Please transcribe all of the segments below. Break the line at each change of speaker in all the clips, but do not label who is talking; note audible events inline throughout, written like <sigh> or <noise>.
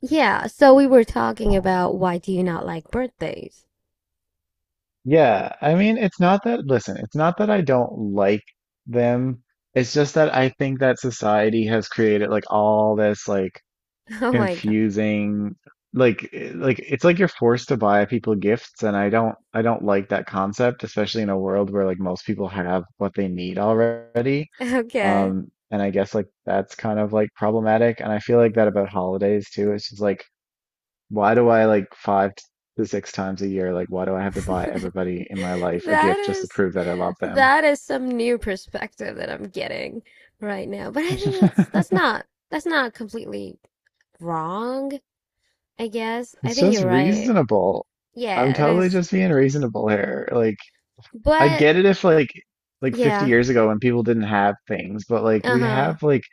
Yeah, so we were talking about why do you not like birthdays?
Yeah, I mean, it's not that, listen, it's not that I don't like them. It's just that I think that society has created like all this like
<laughs> Oh my God.
confusing like like it's like you're forced to buy people gifts and I don't like that concept, especially in a world where like most people have what they need already.
Okay.
And I guess like that's kind of like problematic and I feel like that about holidays too. It's just like why do I like five to six times a year? Like, why do I have to buy
<laughs>
everybody in my life a
That
gift just to
is
prove that I love them?
that is some new perspective that I'm getting right now. But I think that's that's
<laughs>
not that's not completely wrong, I guess. I
It's
think
just
you're right.
reasonable. I'm
Yeah, it
totally
is.
just being reasonable here. Like, I'd
But
get it if like 50
yeah.
years ago when people didn't have things, but like we
Uh-huh.
have like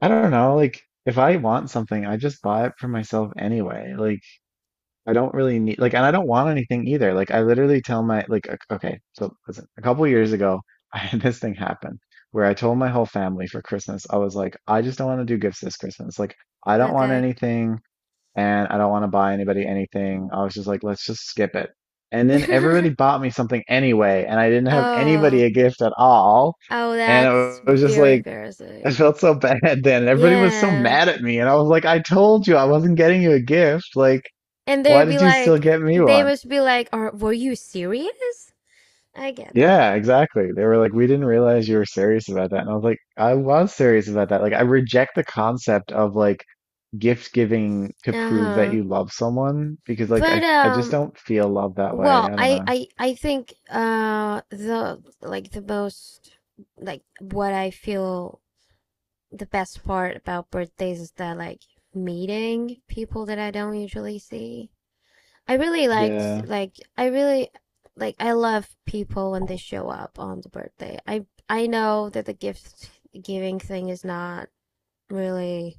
I don't know, like if I want something, I just buy it for myself anyway. Like I don't really need like, and I don't want anything either. Like, I literally tell my like, okay, so listen, a couple years ago, <laughs> I had this thing happen where I told my whole family for Christmas, I was like, I just don't want to do gifts this Christmas. Like, I don't want
Okay.
anything, and I don't want to buy anybody anything. I was just like, let's just skip it. And then everybody
<laughs>
bought me something anyway, and I didn't have anybody
Oh.
a gift at all.
Oh,
And
that's
it was just
very
like, I
embarrassing.
felt so <laughs> bad then. Everybody was so
Yeah.
mad at me, and I was like, I told you I wasn't getting you a gift, like.
And they'd
Why
be
did you still
like,
get me
they
one?
must be like, were you serious? I get it.
Yeah, exactly. They were like, we didn't realize you were serious about that. And I was like, I was serious about that. Like, I reject the concept of like gift giving to
Uh
prove that
huh.
you love someone because like
But,
I just don't feel love that way.
well,
I don't know.
I think, the, like, the most, like, what I feel the best part about birthdays is that, like, meeting people that I don't usually see. I really liked,
Yeah.
like, I really, like, I love people when they show up on the birthday. I know that the gift giving thing is not really.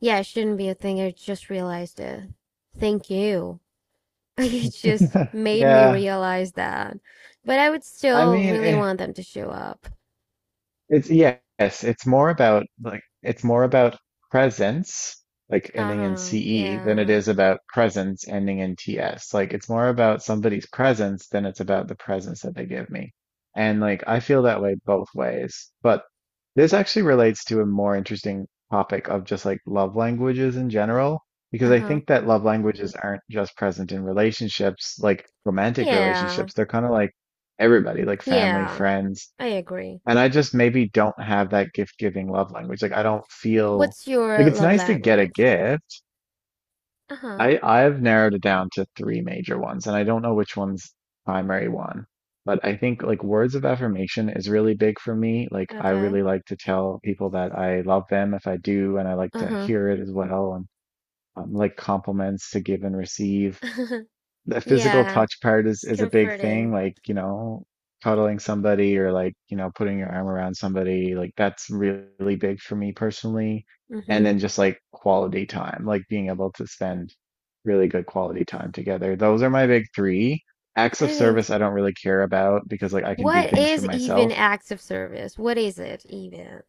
Yeah, it shouldn't be a thing. I just realized it. Thank you. <laughs> It just
<laughs>
made me
Yeah.
realize that. But I would
I
still
mean,
really
eh,
want them to show up.
It's yes, it's more about like it's more about presence, like ending in
Uh-huh.
CE, than it
Yeah.
is about presence ending in TS. Like it's more about somebody's presence than it's about the presence that they give me. And like I feel that way both ways. But this actually relates to a more interesting topic of just like love languages in general, because I
Uh-huh.
think that love languages aren't just present in relationships, like romantic
Yeah.
relationships. They're kind of like everybody, like family,
Yeah.
friends
I agree.
and I just maybe don't have that gift giving love language. Like I don't feel
What's
like
your
it's
love
nice to get a
language?
gift.
Uh-huh.
I've narrowed it down to three major ones, and I don't know which one's primary one. But I think like words of affirmation is really big for me. Like I
Okay.
really like to tell people that I love them if I do, and I like to
Uh-huh.
hear it as well, and like compliments to give and receive
<laughs>
the physical
Yeah.
touch part is
It's
is a big thing
comforting.
like you know cuddling somebody or like you know putting your arm around somebody like that's really big for me personally and
Mm-hmm.
then just like quality time like being able to spend really good quality time together those are my big 3 acts
I
of
think,
service I don't really care about because like I can do
what
things for
is even
myself
acts of service? What is it even?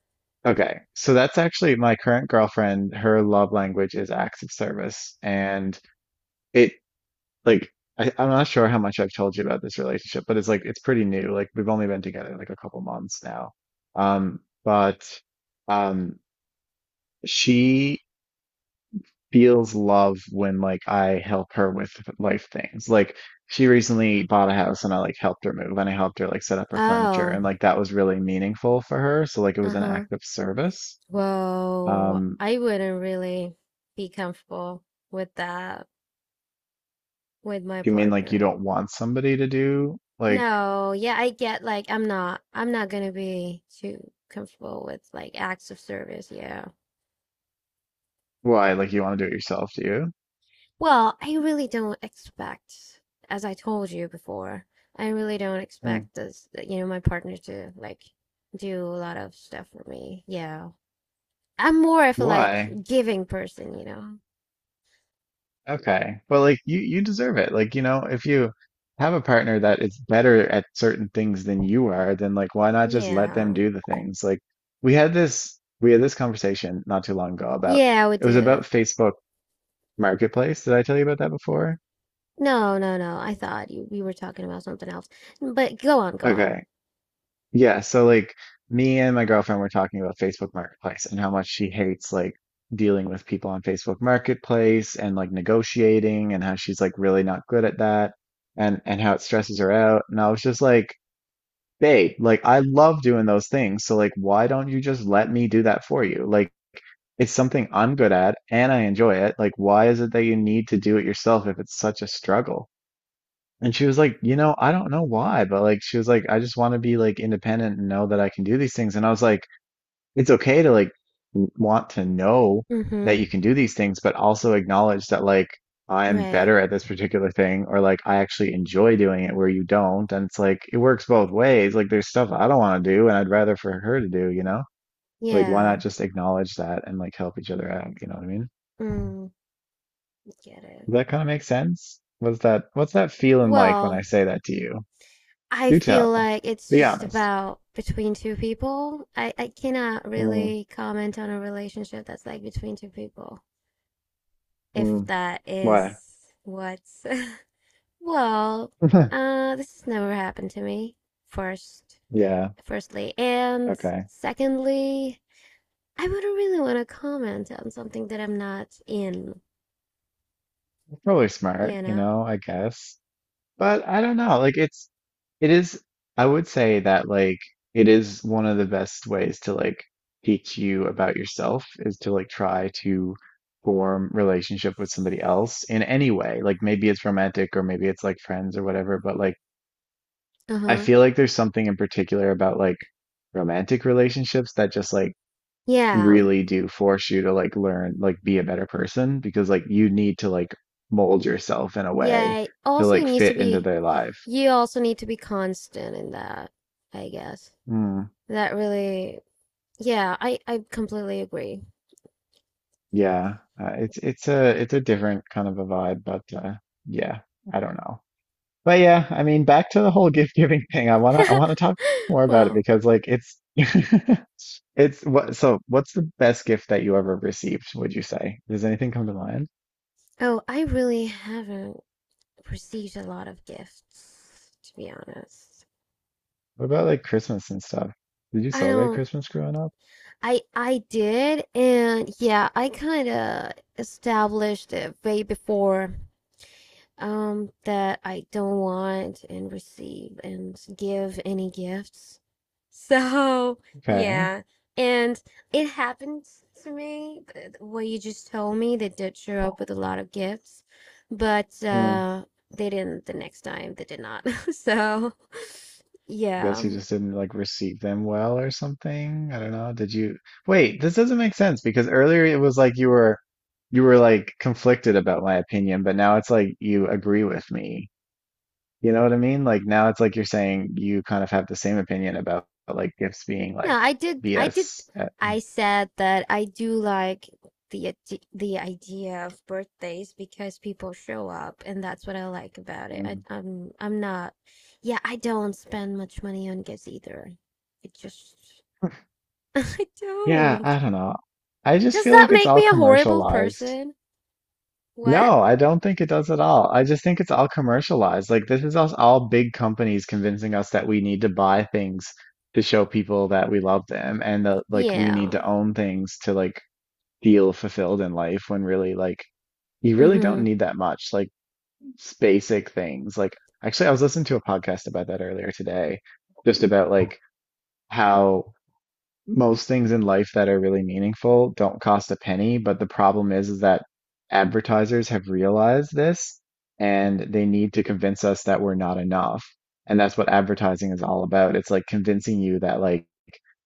okay so that's actually my current girlfriend her love language is acts of service and it like I'm not sure how much I've told you about this relationship, but it's like it's pretty new. Like we've only been together like a couple months now. But um she feels love when like I help her with life things. Like she recently bought a house and I like helped her move and I helped her like set up her furniture
Oh.
and like that was really meaningful for her. So like it was an
Uh-huh.
act of service.
Well,
Um,
I wouldn't really be comfortable with that with my
you mean like you
partner.
don't want somebody to do like
No, yeah, I get like I'm not gonna be too comfortable with like acts of service, yeah.
why? Like you want to do it yourself, do you?
Well, I really don't expect, as I told you before, I really don't
Mm.
expect this, you know, my partner to like do a lot of stuff for me. Yeah. I'm more of a like
Why?
giving person, you know.
Okay. Well, like you deserve it. Like, you know, if you have a partner that is better at certain things than you are, then like why not just let them
Yeah.
do the things? Like we had this conversation not too long ago about
Yeah, with
it was about
the.
Facebook Marketplace. Did I tell you about that before?
No, no, no. I thought you we were talking about something else. But go on, go on.
Okay. Yeah, so like me and my girlfriend were talking about Facebook Marketplace and how much she hates like dealing with people on Facebook Marketplace and like negotiating and how she's like really not good at that and how it stresses her out. And I was just like, babe, like I love doing those things. So like why don't you just let me do that for you? Like it's something I'm good at and I enjoy it. Like why is it that you need to do it yourself if it's such a struggle? And she was like, you know, I don't know why, but like she was like, I just want to be like independent and know that I can do these things. And I was like, it's okay to like want to know
Mm-hmm.
that you can do these things, but also acknowledge that like I am
Right.
better at this particular thing or like I actually enjoy doing it where you don't. And it's like it works both ways. Like there's stuff I don't want to do and I'd rather for her to do, you know? Like why
Yeah.
not just acknowledge that and like help each other out, you know what I mean?
Mm, get it.
Does that kind of make sense? What's that feeling like when I
Well,
say that to you?
I
Do
feel
tell.
like it's
Be
just
honest.
about between two people. I cannot
Mm,
really comment on a relationship that's like between two people,
mm,
if that
what?
is what's. <laughs> Well,
<laughs>
this has never happened to me, first,
Yeah.
firstly. And
Okay.
secondly, I wouldn't really want to comment on something that I'm not in,
Probably smart,
you
you
know?
know, I guess. But I don't know. Like it is I would say that like it is one of the best ways to like teach you about yourself is to like try to form relationship with somebody else in any way. Like maybe it's romantic or maybe it's like friends or whatever, but like I
Uh-huh.
feel like there's something in particular about like romantic relationships that just like
Yeah.
really do force you to like learn like be a better person because like you need to like mold yourself in a way
Yeah.
to
Also,
like fit into their life.
you also need to be constant in that, I guess.
Mm,
That really, yeah, I completely agree.
yeah, it's a different kind of a vibe, but yeah, I don't know. But yeah, I mean, back to the whole <laughs> gift giving thing. I wanna talk more about it
Well,
because like it's <laughs> it's what so what's the best gift that you ever received, would you say? Does anything come to mind?
oh, I really haven't received a lot of gifts, to be honest.
What about like Christmas and stuff? Did you
I
celebrate
don't,
Christmas growing up?
I did, and yeah, I kind of established it way before that I don't want and receive and give any gifts. So,
Okay.
yeah. And it happened to me, what you just told me. They did show up with a lot of gifts, but
Mm,
they didn't the next time. They did not. <laughs> So,
I guess
yeah.
he just didn't like receive them well or something. I don't know. Did you wait, this doesn't make sense because earlier it was like you were like conflicted about my opinion, but now it's like you agree with me. You know what I mean? Like now it's like you're saying you kind of have the same opinion about like gifts being
No,
like
I did.
BS.
I said that I do like the idea of birthdays because people show up, and that's what I like about it.
Um,
I'm not. Yeah, I don't spend much money on gifts either. It just <laughs> I
yeah,
don't.
I don't know. I just
Does
feel
that
like it's
make
all
me a horrible
commercialized.
person? What?
No, I don't think it does at all. I just think it's all commercialized. Like this is us all big companies convincing us that we need to buy things to show people that we love them and that like we need
Yeah.
to own things to like feel fulfilled in life when really like you really don't
Mm-hmm.
need that much. Like basic things. Like actually I was listening to a podcast about that earlier today, just about like how most things in life that are really meaningful don't cost a penny, but the problem is that advertisers have realized this and they need to convince us that we're not enough. And that's what advertising is all about. It's like convincing you that like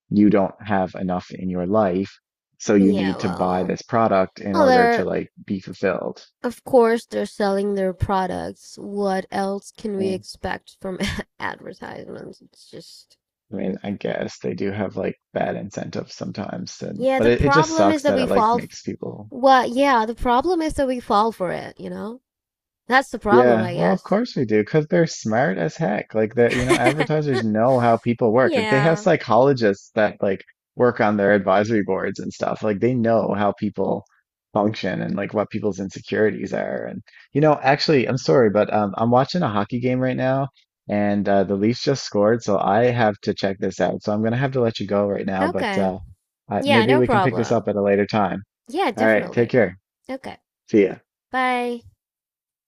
you don't have enough in your life, so you
Yeah.
need to buy
Well.
this product in
Well,
order to
there.
like be fulfilled.
Of course they're selling their products. What else can we
Mm.
expect from <laughs> advertisements? It's just.
I mean, I guess they do have like bad incentives sometimes, and
Yeah,
but
the
it just
problem is
sucks
that
that
we
it like
fall f-
makes people
well, yeah, the problem is that we fall for it, you know? That's the problem,
yeah,
I
well, of
guess.
course we do, because they're smart as heck. Like that, you know,
<laughs>
advertisers know how people work. Like they have
Yeah.
psychologists that like work on their advisory boards and stuff. Like they know how people function and like what people's insecurities are. And you know, actually, I'm sorry, but I'm watching a hockey game right now, and the Leafs just scored, so I have to check this out. So I'm gonna have to let you go right now, but
Okay. Yeah,
maybe
no
we can pick this
problem.
up at a later time.
Yeah,
All right, take
definitely.
care.
Okay.
See ya.
Bye.